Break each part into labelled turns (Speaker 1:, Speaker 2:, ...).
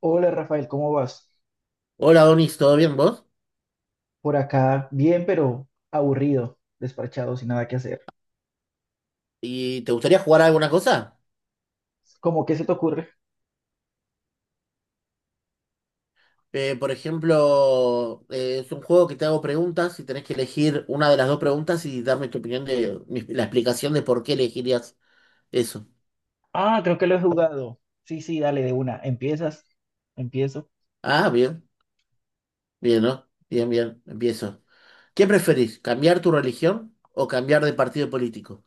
Speaker 1: Hola Rafael, ¿cómo vas?
Speaker 2: Hola Donis, ¿todo bien vos?
Speaker 1: Por acá, bien, pero aburrido, despachado, sin nada que hacer.
Speaker 2: ¿Y te gustaría jugar a alguna cosa?
Speaker 1: ¿Cómo que se te ocurre?
Speaker 2: Por ejemplo, es un juego que te hago preguntas y tenés que elegir una de las dos preguntas y darme tu opinión de la explicación de por qué elegirías eso.
Speaker 1: Ah, creo que lo he jugado. Sí, sí, dale de una. Empiezas, empiezo.
Speaker 2: Ah, bien, bien, ¿no? Bien, bien, empiezo. ¿Qué preferís? ¿Cambiar tu religión o cambiar de partido político?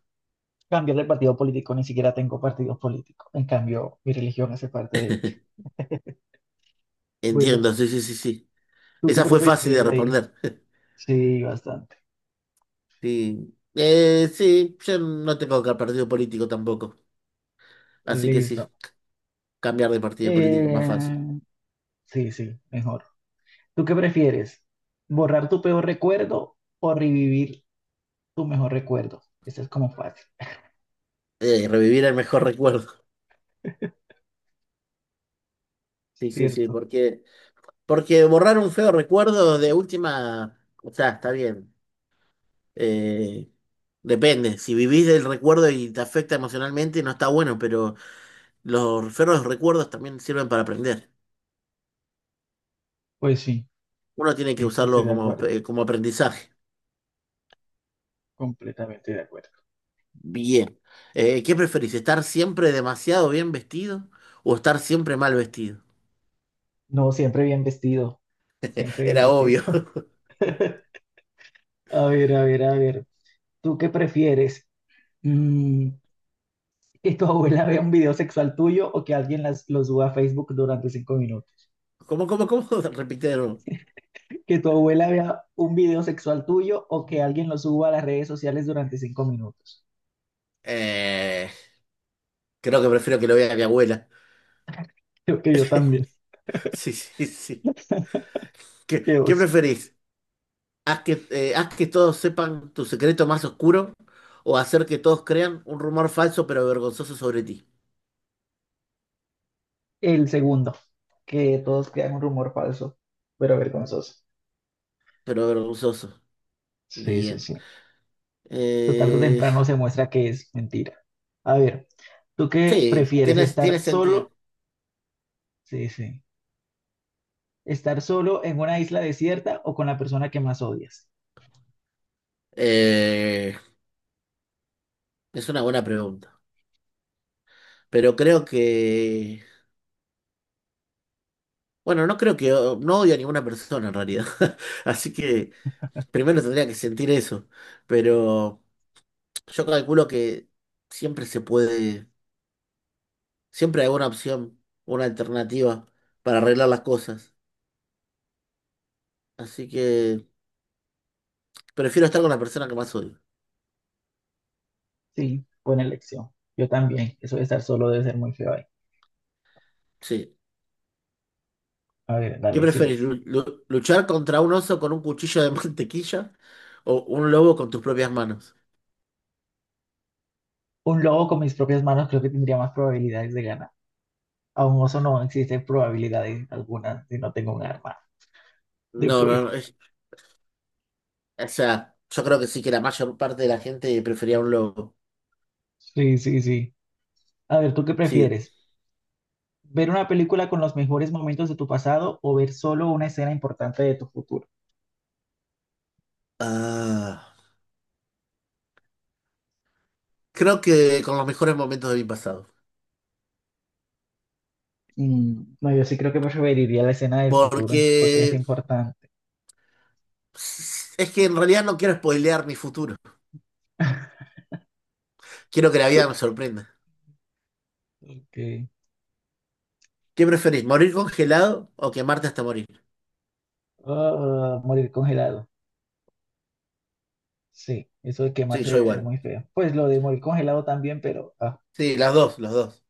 Speaker 1: Cambiar de partido político, ni siquiera tengo partido político. En cambio, mi religión hace parte de ella. Bueno,
Speaker 2: Entiendo, sí, sí, sí, sí.
Speaker 1: ¿tú qué
Speaker 2: Esa fue fácil
Speaker 1: preferirías
Speaker 2: de
Speaker 1: ahí?
Speaker 2: responder.
Speaker 1: Sí, bastante.
Speaker 2: Sí, sí, yo no tengo que partido político tampoco, así que
Speaker 1: Listo.
Speaker 2: sí, cambiar de partido político, más
Speaker 1: Eh,
Speaker 2: fácil.
Speaker 1: sí, sí, mejor. ¿Tú qué prefieres? ¿Borrar tu peor recuerdo o revivir tu mejor recuerdo? Eso es como fácil,
Speaker 2: Revivir el mejor recuerdo. Sí, sí, sí,
Speaker 1: ¿cierto?
Speaker 2: porque, porque borrar un feo recuerdo de última, o sea, está bien. Eh, Depende, si vivís del recuerdo y te afecta emocionalmente, no está bueno, pero los feos recuerdos también sirven para aprender.
Speaker 1: Pues sí,
Speaker 2: Uno tiene que
Speaker 1: sí, estoy
Speaker 2: usarlo
Speaker 1: de
Speaker 2: como,
Speaker 1: acuerdo,
Speaker 2: como aprendizaje.
Speaker 1: completamente de acuerdo.
Speaker 2: Bien. ¿Qué preferís? ¿Estar siempre demasiado bien vestido o estar siempre mal vestido?
Speaker 1: No, siempre bien vestido, siempre bien
Speaker 2: Era
Speaker 1: vestido.
Speaker 2: obvio.
Speaker 1: A ver, a ver, a ver, ¿tú qué prefieres? Mm, ¿que tu abuela vea un video sexual tuyo o que alguien lo suba a Facebook durante 5 minutos?
Speaker 2: ¿Cómo, cómo, cómo? Repite de nuevo.
Speaker 1: ¿Que tu abuela vea un video sexual tuyo o que alguien lo suba a las redes sociales durante 5 minutos?
Speaker 2: Eh, Creo que prefiero que lo vea mi abuela.
Speaker 1: Creo que yo también.
Speaker 2: Sí, sí, sí. ¿Qué,
Speaker 1: Qué
Speaker 2: qué
Speaker 1: oso.
Speaker 2: preferís? ¿ Haz que todos sepan tu secreto más oscuro o hacer que todos crean un rumor falso pero vergonzoso sobre ti?
Speaker 1: El segundo, que todos crean un rumor falso, pero vergonzoso.
Speaker 2: Pero vergonzoso.
Speaker 1: Sí, sí,
Speaker 2: Bien.
Speaker 1: sí. Total tarde o
Speaker 2: Eh,
Speaker 1: temprano se muestra que es mentira. A ver, ¿tú qué
Speaker 2: sí,
Speaker 1: prefieres?
Speaker 2: tiene,
Speaker 1: ¿Estar
Speaker 2: tiene sentido.
Speaker 1: solo? Sí, sí. ¿Estar solo en una isla desierta o con la persona que más odias?
Speaker 2: Eh, es una buena pregunta. Pero creo que... Bueno, no creo que... No odio a ninguna persona en realidad. Así que primero tendría que sentir eso. Pero yo calculo que siempre se puede. Siempre hay una opción, una alternativa para arreglar las cosas. Así que prefiero estar con la persona que más odio.
Speaker 1: Sí, buena elección. Yo también. Eso de estar solo debe ser muy feo ahí.
Speaker 2: Sí.
Speaker 1: A ver,
Speaker 2: ¿Qué
Speaker 1: dale,
Speaker 2: preferís?
Speaker 1: sigues.
Speaker 2: ¿Luchar contra un oso con un cuchillo de mantequilla o un lobo con tus propias manos?
Speaker 1: Un lobo con mis propias manos creo que tendría más probabilidades de ganar. A un oso no existen probabilidades algunas si no tengo un arma de
Speaker 2: No, no,
Speaker 1: fuego.
Speaker 2: no. es- O sea, yo creo que sí que la mayor parte de la gente prefería un lobo.
Speaker 1: Sí, sí, sí. A ver, ¿tú qué
Speaker 2: Sí.
Speaker 1: prefieres? Ver una película con los mejores momentos de tu pasado o ver solo una escena importante de tu futuro.
Speaker 2: Ah, creo que con los mejores momentos de mi pasado.
Speaker 1: Mm, no, yo sí creo que preferiría la escena del
Speaker 2: Porque
Speaker 1: futuro porque es importante.
Speaker 2: es que en realidad no quiero spoilear mi futuro. Quiero que la vida me sorprenda.
Speaker 1: Que,
Speaker 2: ¿Qué preferís, morir congelado o quemarte hasta morir?
Speaker 1: ah, morir congelado. Sí, eso de
Speaker 2: Sí,
Speaker 1: quemarse
Speaker 2: yo
Speaker 1: debe ser
Speaker 2: igual.
Speaker 1: muy feo. Pues lo de morir congelado también, pero ah,
Speaker 2: Sí, las dos, las dos.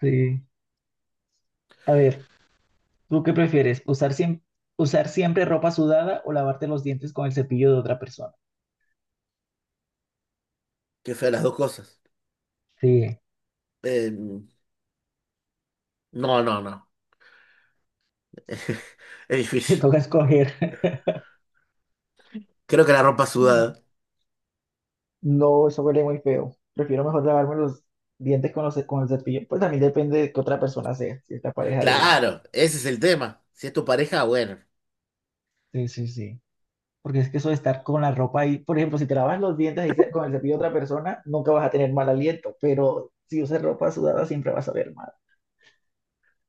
Speaker 1: sí. A ver, ¿tú qué prefieres? ¿ Usar siempre ropa sudada o lavarte los dientes con el cepillo de otra persona?
Speaker 2: Qué fea las dos cosas.
Speaker 1: Sí,
Speaker 2: Eh, no, no, no. Es
Speaker 1: te
Speaker 2: difícil.
Speaker 1: toca escoger.
Speaker 2: Creo que la ropa sudada.
Speaker 1: No, eso huele muy feo. Prefiero mejor lavarme los dientes con, los, con el cepillo. Pues también depende de que otra persona sea, si es la pareja de uno.
Speaker 2: Claro, ese es el tema. Si es tu pareja, bueno.
Speaker 1: Sí, sí, sí. Porque es que eso de estar con la ropa ahí, por ejemplo, si te lavas los dientes ahí con el cepillo de otra persona, nunca vas a tener mal aliento, pero si usas ropa sudada siempre vas a ver mal.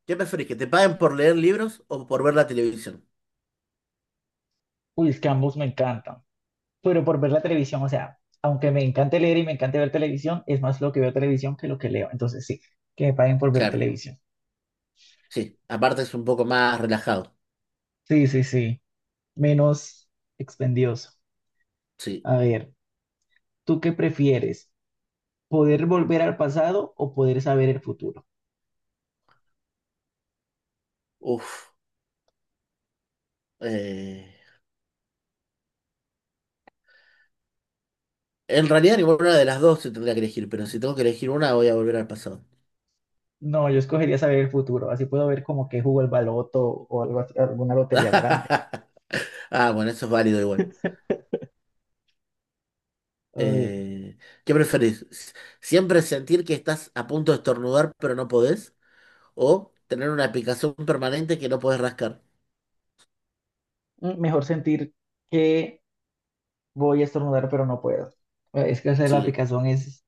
Speaker 2: ¿Qué preferís, que te paguen por leer libros o por ver la televisión?
Speaker 1: Uy, es que ambos me encantan. Pero por ver la televisión, o sea, aunque me encante leer y me encante ver televisión, es más lo que veo televisión que lo que leo. Entonces sí, que me paguen por ver
Speaker 2: Claro,
Speaker 1: televisión.
Speaker 2: sí. Aparte es un poco más relajado.
Speaker 1: Sí, sí, sí. Menos expendioso.
Speaker 2: Sí.
Speaker 1: A ver. ¿Tú qué prefieres? ¿Poder volver al pasado o poder saber el futuro?
Speaker 2: Uf. Eh, En realidad ninguna de las dos se tendría que elegir, pero si tengo que elegir una, voy a volver al pasado.
Speaker 1: No, yo escogería saber el futuro, así puedo ver como que jugó el baloto o alguna lotería grande.
Speaker 2: Ah, bueno, eso es válido igual.
Speaker 1: A
Speaker 2: Eh, ¿Qué preferís? ¿Siempre sentir que estás a punto de estornudar pero no podés? ¿O tener una picazón permanente que no podés rascar?
Speaker 1: mm, mejor sentir que voy a estornudar, pero no puedo. Es que hacer la
Speaker 2: Sí,
Speaker 1: aplicación es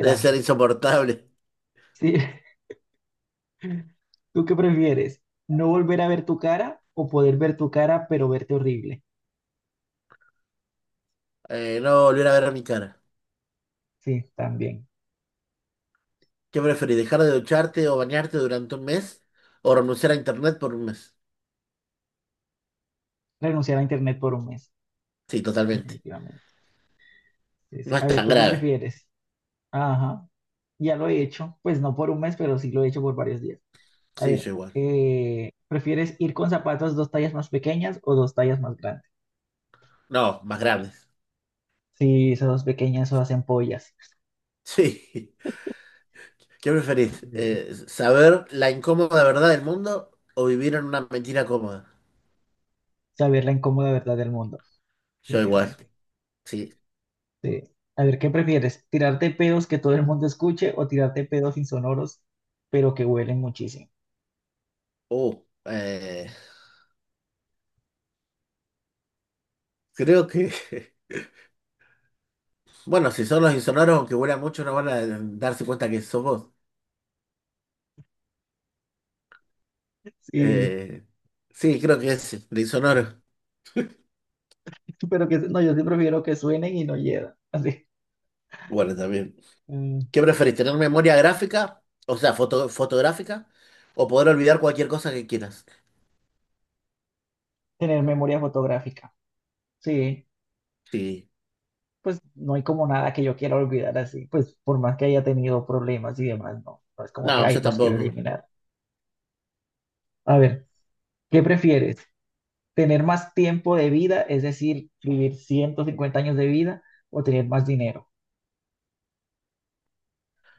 Speaker 2: debe ser insoportable.
Speaker 1: Sí, ¿tú qué prefieres? ¿No volver a ver tu cara o poder ver tu cara, pero verte horrible?
Speaker 2: No volver a ver a mi cara.
Speaker 1: Sí, también.
Speaker 2: ¿Qué preferís? ¿Dejar de ducharte o bañarte durante un mes? ¿O renunciar a internet por un mes?
Speaker 1: Renunciar a internet por un mes,
Speaker 2: Sí, totalmente.
Speaker 1: definitivamente. Sí, sí.
Speaker 2: No es
Speaker 1: A ver,
Speaker 2: tan
Speaker 1: ¿tú qué
Speaker 2: grave.
Speaker 1: prefieres? Ajá, ya lo he hecho, pues no por un mes, pero sí lo he hecho por varios días. A
Speaker 2: Sí, yo
Speaker 1: ver,
Speaker 2: igual.
Speaker 1: ¿prefieres ir con zapatos dos tallas más pequeñas o dos tallas más grandes?
Speaker 2: No, más graves.
Speaker 1: Sí, esas dos pequeñas son hacen pollas.
Speaker 2: Sí. ¿Qué preferís?
Speaker 1: Eh,
Speaker 2: ¿Saber la incómoda verdad del mundo o vivir en una mentira cómoda?
Speaker 1: Saber la incómoda verdad del mundo,
Speaker 2: Yo igual.
Speaker 1: definitivamente.
Speaker 2: Sí.
Speaker 1: Sí. A ver, ¿qué prefieres? ¿Tirarte pedos que todo el mundo escuche o tirarte pedos insonoros, pero que huelen muchísimo?
Speaker 2: Uh, eh, Creo que, bueno, si son los insonoros, aunque huelan mucho, no van a darse cuenta que sos vos.
Speaker 1: Sí,
Speaker 2: Eh, sí, creo que es el insonoro.
Speaker 1: pero que no, yo sí prefiero que suenen y no hieran. Así.
Speaker 2: Bueno, también.
Speaker 1: Mm,
Speaker 2: ¿Qué preferís, tener memoria gráfica, o sea, fotográfica, o poder olvidar cualquier cosa que quieras?
Speaker 1: tener memoria fotográfica. Sí.
Speaker 2: Sí.
Speaker 1: Pues no hay como nada que yo quiera olvidar así, pues por más que haya tenido problemas y demás, no, no es como que,
Speaker 2: No,
Speaker 1: ay,
Speaker 2: yo
Speaker 1: los quiero
Speaker 2: tampoco.
Speaker 1: eliminar. A ver, ¿qué prefieres? ¿Tener más tiempo de vida, es decir, vivir 150 años de vida o tener más dinero?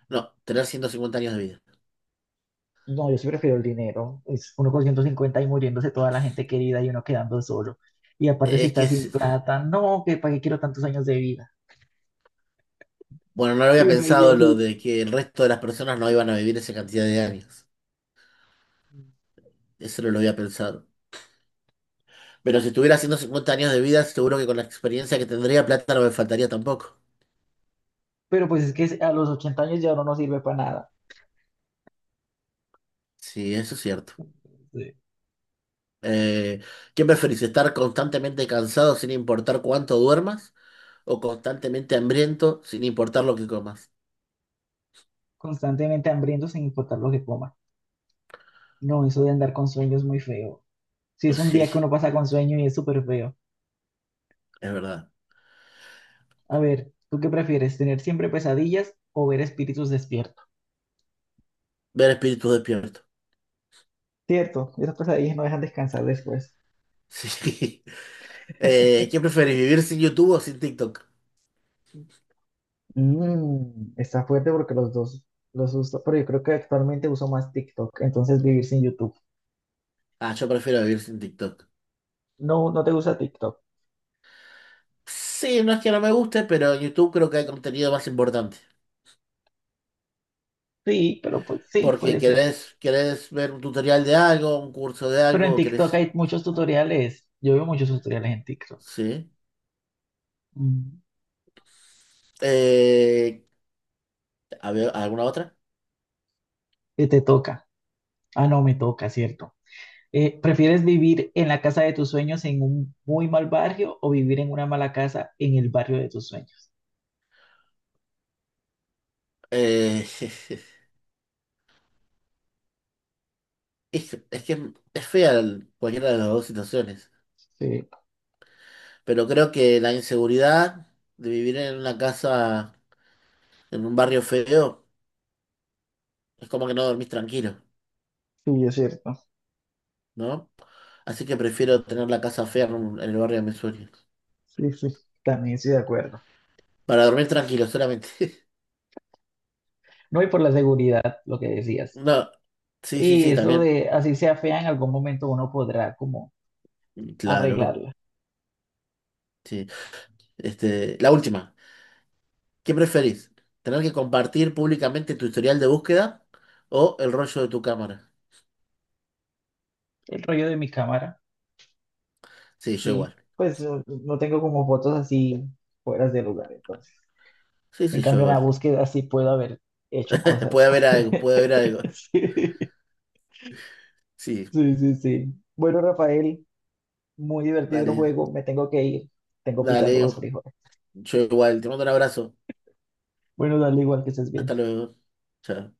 Speaker 2: No, tener 150 años de vida.
Speaker 1: No, yo sí prefiero el dinero, es uno con 150 y muriéndose toda la gente querida y uno quedando solo. Y aparte si
Speaker 2: Es que,
Speaker 1: estás sin
Speaker 2: es-
Speaker 1: plata, no, que para qué quiero tantos años de vida.
Speaker 2: bueno, no lo
Speaker 1: Y
Speaker 2: había
Speaker 1: uno ahí
Speaker 2: pensado lo
Speaker 1: viejito.
Speaker 2: de que el resto de las personas no iban a vivir esa cantidad de años. Eso no lo había pensado. Pero si tuviera 150 años de vida, seguro que con la experiencia que tendría, plata no me faltaría tampoco.
Speaker 1: Pero pues es que a los 80 años ya uno no sirve para nada.
Speaker 2: Sí, eso es cierto.
Speaker 1: Sí.
Speaker 2: Eh, ¿Qué preferís? ¿Estar constantemente cansado sin importar cuánto duermas? ¿O constantemente hambriento sin importar lo que comas?
Speaker 1: Constantemente hambriento sin importar lo que coma. No, eso de andar con sueño es muy feo. Si es un día
Speaker 2: Sí,
Speaker 1: que uno pasa con sueño y es súper feo.
Speaker 2: es verdad.
Speaker 1: A ver, ¿tú qué prefieres? ¿Tener siempre pesadillas o ver espíritus despiertos?
Speaker 2: Ver espíritus despierto.
Speaker 1: Cierto, esas pesadillas no dejan descansar después.
Speaker 2: Sí. ¿Qué preferís? ¿Vivir sin YouTube o sin TikTok?
Speaker 1: Mm, está fuerte porque los dos los uso, pero yo creo que actualmente uso más TikTok, entonces vivir sin YouTube.
Speaker 2: Ah, yo prefiero vivir sin TikTok.
Speaker 1: No, no te gusta TikTok.
Speaker 2: Sí, no es que no me guste, pero en YouTube creo que hay contenido más importante.
Speaker 1: Sí, pero pues sí,
Speaker 2: Porque
Speaker 1: puede ser.
Speaker 2: querés, querés ver un tutorial de algo, un curso de
Speaker 1: Pero en
Speaker 2: algo,
Speaker 1: TikTok
Speaker 2: querés...
Speaker 1: hay muchos tutoriales. Yo veo muchos tutoriales en TikTok.
Speaker 2: Sí.
Speaker 1: Mm,
Speaker 2: Eh, a ver, ¿alguna otra?
Speaker 1: que te toca. Ah, no, me toca, ¿cierto? ¿Prefieres vivir en la casa de tus sueños en un muy mal barrio o vivir en una mala casa en el barrio de tus sueños?
Speaker 2: Eh, es que es fea cualquiera de las dos situaciones,
Speaker 1: Sí,
Speaker 2: pero creo que la inseguridad de vivir en una casa, en un barrio feo, es como que no dormís tranquilo,
Speaker 1: sí, es cierto.
Speaker 2: ¿no? Así que prefiero tener la casa fea en, en el barrio de mis sueños,
Speaker 1: Sí, sí, también estoy de acuerdo.
Speaker 2: para dormir tranquilo solamente.
Speaker 1: No, y por la seguridad, lo que decías.
Speaker 2: No, sí, sí,
Speaker 1: Y
Speaker 2: sí,
Speaker 1: eso
Speaker 2: también.
Speaker 1: de así sea fea, en algún momento uno podrá como
Speaker 2: Claro,
Speaker 1: arreglarla.
Speaker 2: sí. Este, la última. ¿Qué preferís? ¿Tener que compartir públicamente tu historial de búsqueda o el rollo de tu cámara?
Speaker 1: El rollo de mi cámara.
Speaker 2: Sí, yo
Speaker 1: Sí.
Speaker 2: igual.
Speaker 1: Pues yo no tengo como fotos así fuera de lugar, entonces.
Speaker 2: Sí,
Speaker 1: En
Speaker 2: sí, yo
Speaker 1: cambio, en la
Speaker 2: igual.
Speaker 1: búsqueda sí puedo haber hecho cosas.
Speaker 2: Puede haber algo, puede haber algo.
Speaker 1: Sí.
Speaker 2: Sí,
Speaker 1: Sí, sí, sí. Bueno, Rafael, muy divertido el
Speaker 2: dale,
Speaker 1: juego. Me tengo que ir. Tengo pitando
Speaker 2: dale.
Speaker 1: más frijoles.
Speaker 2: Yo igual. Te mando un abrazo.
Speaker 1: Bueno, dale igual que estés
Speaker 2: Hasta
Speaker 1: bien.
Speaker 2: luego. Chao.